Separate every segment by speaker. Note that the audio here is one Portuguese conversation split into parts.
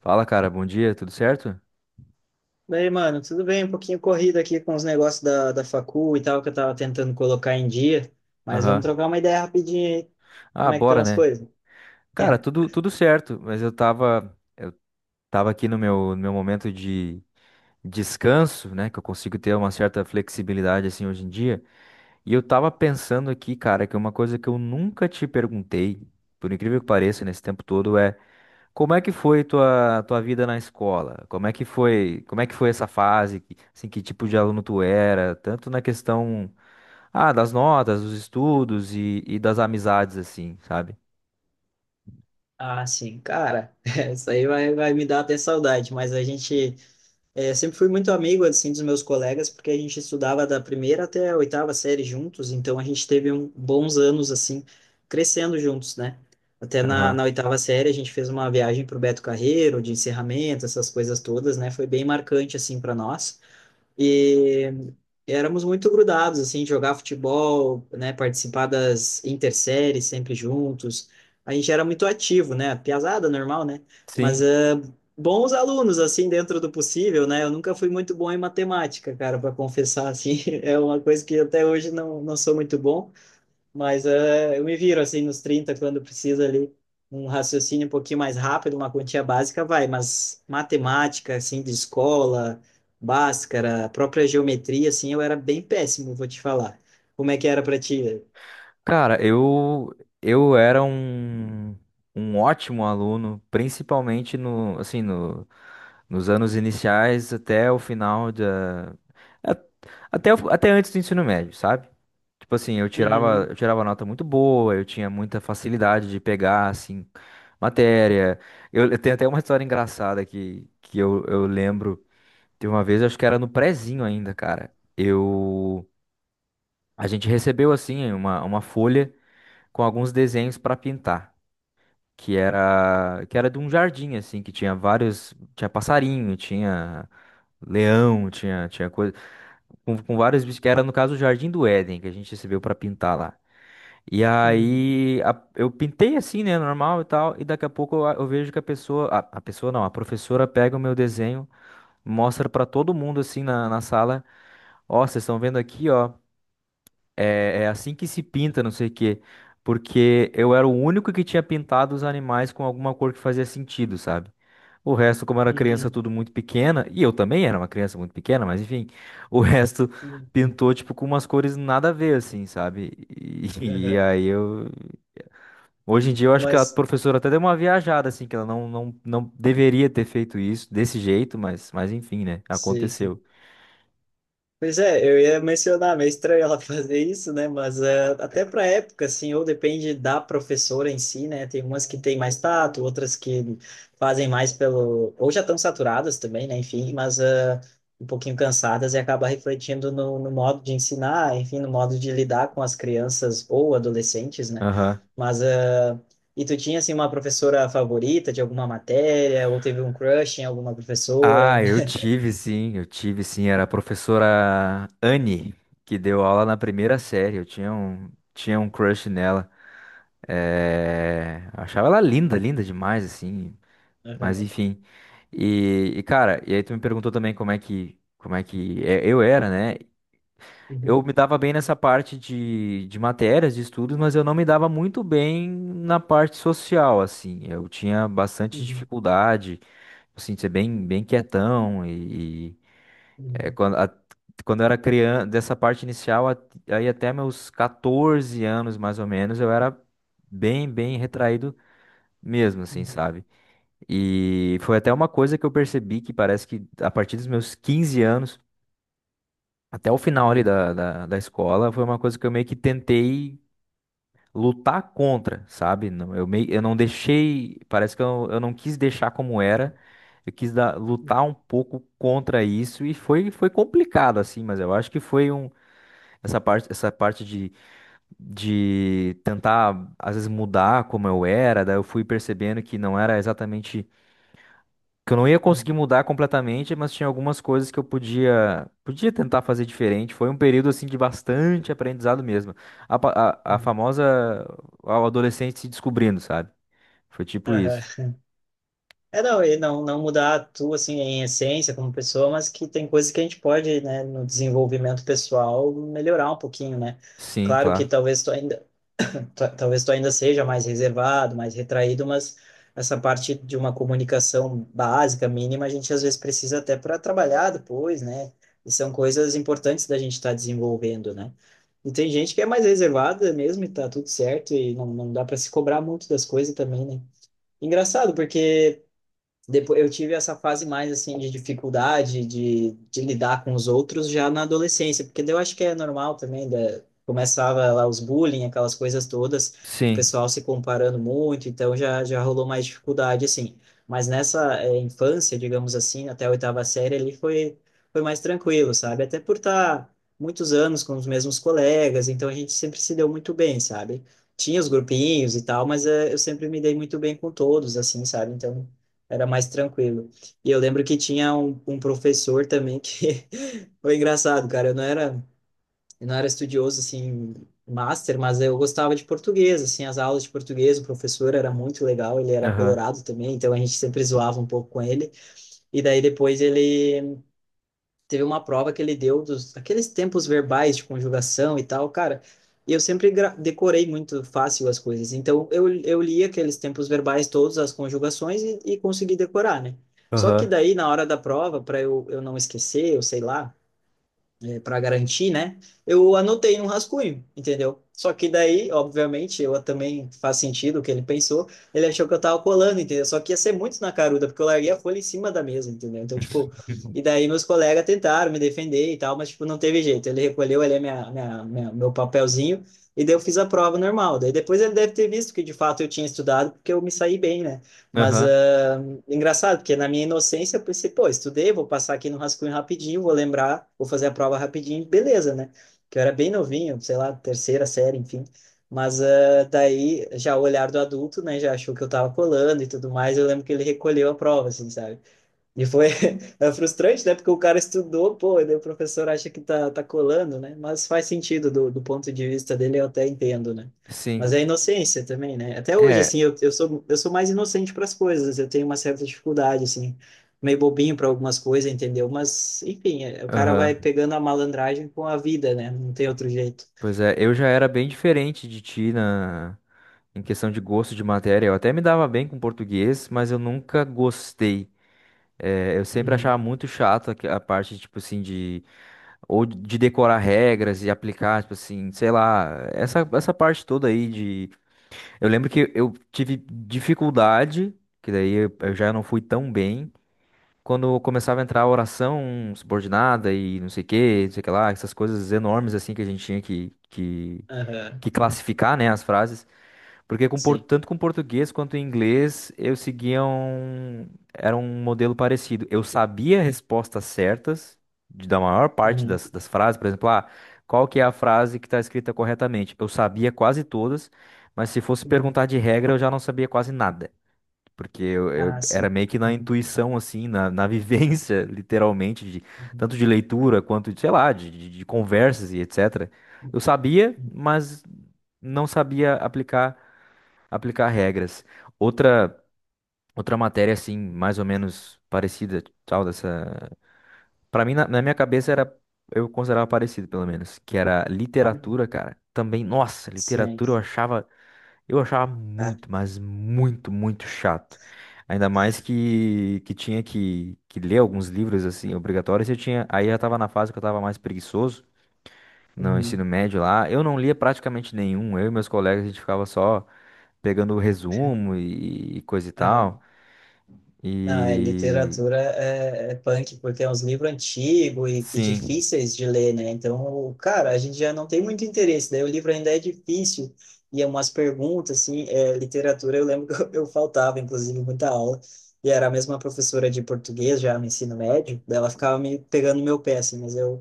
Speaker 1: Fala, cara, bom dia, tudo certo?
Speaker 2: Daí, mano, tudo bem, um pouquinho corrido aqui com os negócios da facu e tal, que eu tava tentando colocar em dia, mas vamos
Speaker 1: Aham.
Speaker 2: trocar uma ideia rapidinho aí,
Speaker 1: Ah,
Speaker 2: como é que estão
Speaker 1: bora,
Speaker 2: as
Speaker 1: né?
Speaker 2: coisas?
Speaker 1: Cara, tudo certo, mas tava aqui no no meu momento de descanso, né? Que eu consigo ter uma certa flexibilidade assim hoje em dia. E eu tava pensando aqui, cara, que uma coisa que eu nunca te perguntei, por incrível que pareça, nesse tempo todo, é: como é que foi tua vida na escola? Como é que foi, como é que foi essa fase? Assim, que tipo de aluno tu era? Tanto na questão das notas, dos estudos e das amizades assim, sabe?
Speaker 2: Ah, sim, cara, isso aí vai me dar até saudade, mas a gente, sempre fui muito amigo, assim, dos meus colegas, porque a gente estudava da primeira até a oitava série juntos, então a gente teve um, bons anos, assim, crescendo juntos, né? Até na,
Speaker 1: Aham.
Speaker 2: na oitava série a gente fez uma viagem pro Beto Carreiro, de encerramento, essas coisas todas, né? Foi bem marcante, assim, para nós. E éramos muito grudados, assim, jogar futebol, né, participar das interséries sempre juntos. A gente era muito ativo, né, piazada normal, né, mas
Speaker 1: Sim.
Speaker 2: bons alunos, assim, dentro do possível, né, eu nunca fui muito bom em matemática, cara, para confessar, assim, é uma coisa que até hoje não sou muito bom, mas eu me viro assim nos 30 quando precisa ali um raciocínio um pouquinho mais rápido, uma quantia básica vai, mas matemática, assim, de escola, Bhaskara, a própria geometria, assim, eu era bem péssimo, vou te falar. Como é que era para ti?
Speaker 1: Cara, eu era um ótimo aluno, principalmente no nos anos iniciais até o final a- até até antes do ensino médio, sabe? Tipo assim,
Speaker 2: Uhum,
Speaker 1: eu tirava nota muito boa, eu tinha muita facilidade de pegar, assim, matéria. Eu tenho até uma história engraçada que eu lembro de uma vez, acho que era no prezinho ainda, cara. A gente recebeu, assim, uma folha com alguns desenhos pra pintar, que era de um jardim, assim, que tinha vários, tinha passarinho, tinha leão, tinha coisa, com vários bichos, que era, no caso, o Jardim do Éden, que a gente recebeu pra pintar lá. E
Speaker 2: uhum,
Speaker 1: eu pintei assim, né, normal e tal, e daqui a pouco eu vejo que a pessoa não, a professora pega o meu desenho, mostra pra todo mundo na sala: ó, vocês estão vendo aqui, ó, é assim que se pinta, não sei o quê, porque eu era o único que tinha pintado os animais com alguma cor que fazia sentido, sabe? O resto, como era criança
Speaker 2: uhum,
Speaker 1: tudo muito pequena, e eu também era uma criança muito pequena, mas enfim, o resto
Speaker 2: uhum, uhum.
Speaker 1: pintou tipo com umas cores nada a ver assim, sabe? E, e
Speaker 2: Aham.
Speaker 1: aí eu... Hoje em dia eu acho que a
Speaker 2: Mas,
Speaker 1: professora até deu uma viajada, assim, que ela não deveria ter feito isso desse jeito, mas enfim, né?
Speaker 2: sim, sim.
Speaker 1: Aconteceu.
Speaker 2: Pois é, eu ia mencionar, meio estranho ela fazer isso, né? Mas até para época, assim, ou depende da professora em si, né? Tem umas que têm mais tato, outras que fazem mais pelo. Ou já estão saturadas também, né? Enfim, mas um pouquinho cansadas e acaba refletindo no modo de ensinar, enfim, no modo de lidar com as crianças ou adolescentes, né?
Speaker 1: Aham.
Speaker 2: Mas. eh, E tu tinha, assim, uma professora favorita de alguma matéria, ou teve um crush em alguma
Speaker 1: Ah,
Speaker 2: professora?
Speaker 1: eu tive sim. Era a professora Anne, que deu aula na primeira série. Eu tinha um crush nela. É... Achava ela linda, linda demais, assim. Mas
Speaker 2: Aham.
Speaker 1: enfim. Cara, e aí tu me perguntou também como é que eu era, né? Eu
Speaker 2: Uhum,
Speaker 1: me dava bem nessa parte de matérias, de estudos, mas eu não me dava muito bem na parte social, assim. Eu tinha bastante
Speaker 2: uhum,
Speaker 1: dificuldade, assim, de ser bem quietão é,
Speaker 2: uhum,
Speaker 1: quando, a- quando eu era criança, dessa parte inicial, aí até meus 14 anos, mais ou menos, eu era bem retraído mesmo, assim,
Speaker 2: uhum.
Speaker 1: sabe? E foi até uma coisa que eu percebi que parece que a partir dos meus 15 anos até o final ali
Speaker 2: Uhum,
Speaker 1: da escola foi uma coisa que eu meio que tentei lutar contra, sabe? Eu, meio, eu não deixei, parece que eu não quis deixar como era, eu lutar
Speaker 2: uhum,
Speaker 1: um pouco contra isso e foi, foi complicado assim, mas eu acho que foi um, essa parte de tentar às vezes mudar como eu era, daí eu fui percebendo que não era exatamente que eu não ia conseguir
Speaker 2: uhum,
Speaker 1: mudar completamente, mas tinha algumas coisas que eu podia tentar fazer diferente. Foi um período assim de bastante aprendizado mesmo. A, pa- a
Speaker 2: uhum.
Speaker 1: famosa... O adolescente se descobrindo, sabe? Foi tipo isso.
Speaker 2: Aham. É, não, e não mudar tu, assim, em essência como pessoa, mas que tem coisas que a gente pode, né, no desenvolvimento pessoal, melhorar um pouquinho, né?
Speaker 1: Sim,
Speaker 2: Claro que
Speaker 1: claro.
Speaker 2: talvez tu ainda, talvez tu ainda seja mais reservado, mais retraído, mas essa parte de uma comunicação básica, mínima, a gente às vezes precisa até para trabalhar depois, né? E são coisas importantes da gente estar desenvolvendo, né? E tem gente que é mais reservada mesmo e tá tudo certo e não dá para se cobrar muito das coisas também, né? Engraçado, porque depois eu tive essa fase mais assim de dificuldade de lidar com os outros já na adolescência, porque daí eu acho que é normal também, começava lá os bullying, aquelas coisas todas, o
Speaker 1: Sim.
Speaker 2: pessoal se comparando muito, então já rolou mais dificuldade assim. Mas nessa infância, digamos assim, até a oitava série ali foi mais tranquilo, sabe? Até por estar muitos anos com os mesmos colegas, então a gente sempre se deu muito bem, sabe? Tinha os grupinhos e tal, mas eu sempre me dei muito bem com todos, assim, sabe? Então era mais tranquilo. E eu lembro que tinha um professor também que foi engraçado, cara. Eu não era estudioso assim, master, mas eu gostava de português, assim, as aulas de português, o professor era muito legal, ele era
Speaker 1: Aham.
Speaker 2: colorado também, então a gente sempre zoava um pouco com ele. E daí depois ele teve uma prova que ele deu dos aqueles tempos verbais de conjugação e tal, cara. E eu sempre decorei muito fácil as coisas. Então eu li aqueles tempos verbais todos, as conjugações e consegui decorar, né? Só que
Speaker 1: Aham.
Speaker 2: daí na hora da prova, para eu não esquecer, eu sei lá, para garantir, né? Eu anotei num rascunho, entendeu? Só que daí, obviamente, eu também faz sentido o que ele pensou. Ele achou que eu tava colando, entendeu? Só que ia ser muito na caruda, porque eu larguei a folha em cima da mesa, entendeu? Então, tipo, e daí meus colegas tentaram me defender e tal, mas, tipo, não teve jeito. Ele recolheu ali a meu papelzinho e daí eu fiz a prova normal. Daí depois ele deve ter visto que de fato eu tinha estudado, porque eu me saí bem, né? Mas,
Speaker 1: Aham.
Speaker 2: ah, engraçado, porque na minha inocência eu pensei, pô, estudei, vou passar aqui no rascunho rapidinho, vou lembrar, vou fazer a prova rapidinho, beleza, né? Que eu era bem novinho, sei lá, terceira série, enfim. Mas ah, daí, já o olhar do adulto, né, já achou que eu tava colando e tudo mais, eu lembro que ele recolheu a prova, assim, sabe? E foi é frustrante, né? Porque o cara estudou, pô, e daí o professor acha que tá colando, né? Mas faz sentido do ponto de vista dele, eu até entendo, né?
Speaker 1: Sim.
Speaker 2: Mas é inocência também, né? Até hoje, assim,
Speaker 1: É.
Speaker 2: eu sou mais inocente para as coisas, eu tenho uma certa dificuldade, assim, meio bobinho para algumas coisas, entendeu? Mas, enfim, é- o cara vai
Speaker 1: Aham.
Speaker 2: pegando a malandragem com a vida, né? Não tem outro jeito.
Speaker 1: Pois é, eu já era bem diferente de ti na em questão de gosto de matéria. Eu até me dava bem com português, mas eu nunca gostei. É, eu sempre achava
Speaker 2: Uhum.
Speaker 1: muito chato a parte, tipo assim, de... Ou de decorar regras e aplicar, tipo assim, sei lá. Essa parte toda aí de... Eu lembro que eu tive dificuldade, que daí eu já não fui tão bem. Quando eu começava a entrar a oração subordinada e não sei o que, não sei o que lá. Essas coisas enormes, assim, que a gente tinha
Speaker 2: Aham.
Speaker 1: que classificar, né, as frases.
Speaker 2: Sim.
Speaker 1: Tanto com português quanto em inglês eu seguia um, era um modelo parecido. Eu sabia respostas certas da maior parte
Speaker 2: Uhum.
Speaker 1: das frases, por exemplo, ah, qual que é a frase que está escrita corretamente? Eu sabia quase todas, mas se fosse
Speaker 2: Uhum.
Speaker 1: perguntar de regra eu já não sabia quase nada. Porque
Speaker 2: Ah,
Speaker 1: era
Speaker 2: sim.
Speaker 1: meio que na
Speaker 2: Uhum.
Speaker 1: intuição, assim, na vivência, literalmente, de,
Speaker 2: Uhum.
Speaker 1: tanto de leitura quanto, de, sei lá, de conversas e etc. Eu sabia,
Speaker 2: Uhum.
Speaker 1: mas não sabia aplicar regras. Outra outra matéria assim, mais ou menos parecida, tal dessa, para mim na minha cabeça era... Eu considerava parecido pelo menos, que era
Speaker 2: Uhum.
Speaker 1: literatura, cara. Também, nossa,
Speaker 2: Sim.
Speaker 1: literatura eu achava
Speaker 2: Ah,
Speaker 1: muito, mas muito chato. Ainda mais que tinha que ler alguns livros assim obrigatórios, eu tinha, aí já tava na fase que eu tava mais preguiçoso. No
Speaker 2: Uhum.
Speaker 1: ensino médio lá, eu não lia praticamente nenhum. Eu e meus colegas, a gente ficava só pegando o resumo e coisa e tal.
Speaker 2: Aham. Não, é,
Speaker 1: E
Speaker 2: literatura é, é punk, porque é uns livros antigos e
Speaker 1: sim.
Speaker 2: difíceis de ler, né? Então, cara, a gente já não tem muito interesse, daí o livro ainda é difícil, e é umas perguntas, assim, é, literatura, eu lembro que eu faltava, inclusive, muita aula, e era a mesma professora de português já no ensino médio, daí ela ficava me pegando no meu pé, assim, mas eu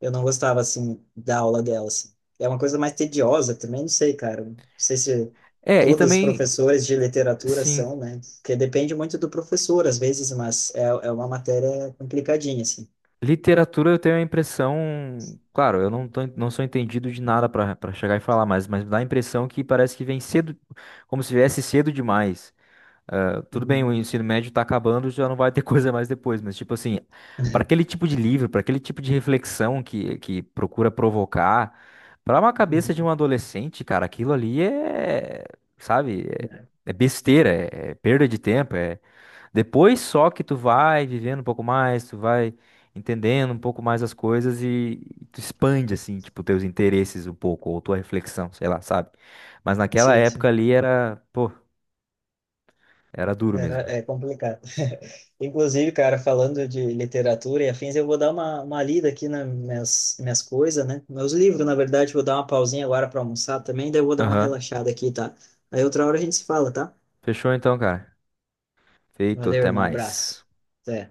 Speaker 2: Eu não gostava, assim, da aula dela, assim. É uma coisa mais tediosa também, não sei, cara. Não sei se
Speaker 1: É, e
Speaker 2: todos os
Speaker 1: também,
Speaker 2: professores de literatura
Speaker 1: sim,
Speaker 2: são, né? Porque depende muito do professor, às vezes, mas é uma matéria complicadinha, assim.
Speaker 1: literatura eu tenho a impressão, claro, eu não tô, não sou entendido de nada para para chegar e falar, mas dá a impressão que parece que vem cedo, como se viesse cedo demais. Ah, tudo bem,
Speaker 2: Uhum.
Speaker 1: o ensino médio tá acabando, já não vai ter coisa mais depois, mas tipo assim, para aquele tipo de livro, para aquele tipo de reflexão que procura provocar, para uma cabeça de um
Speaker 2: Uhum.
Speaker 1: adolescente, cara, aquilo ali é, sabe,
Speaker 2: É.
Speaker 1: é, é besteira, é, é perda de tempo, é... Depois só que tu vai vivendo um pouco mais, tu vai entendendo um pouco mais as coisas e tu expande assim, tipo, teus interesses um pouco ou tua reflexão, sei lá, sabe? Mas naquela
Speaker 2: Sim,
Speaker 1: época
Speaker 2: sim.
Speaker 1: ali era, pô, era duro
Speaker 2: Era,
Speaker 1: mesmo.
Speaker 2: é complicado. Inclusive, cara, falando de literatura e afins, eu vou dar uma lida aqui nas minhas coisas, né? Meus livros, na verdade, vou dar uma pausinha agora para almoçar também, daí eu vou dar uma
Speaker 1: Aham.
Speaker 2: relaxada aqui, tá? Aí outra hora a gente se fala, tá?
Speaker 1: Fechou então, cara. Feito,
Speaker 2: Valeu,
Speaker 1: até
Speaker 2: irmão.
Speaker 1: mais.
Speaker 2: Abraço. Até.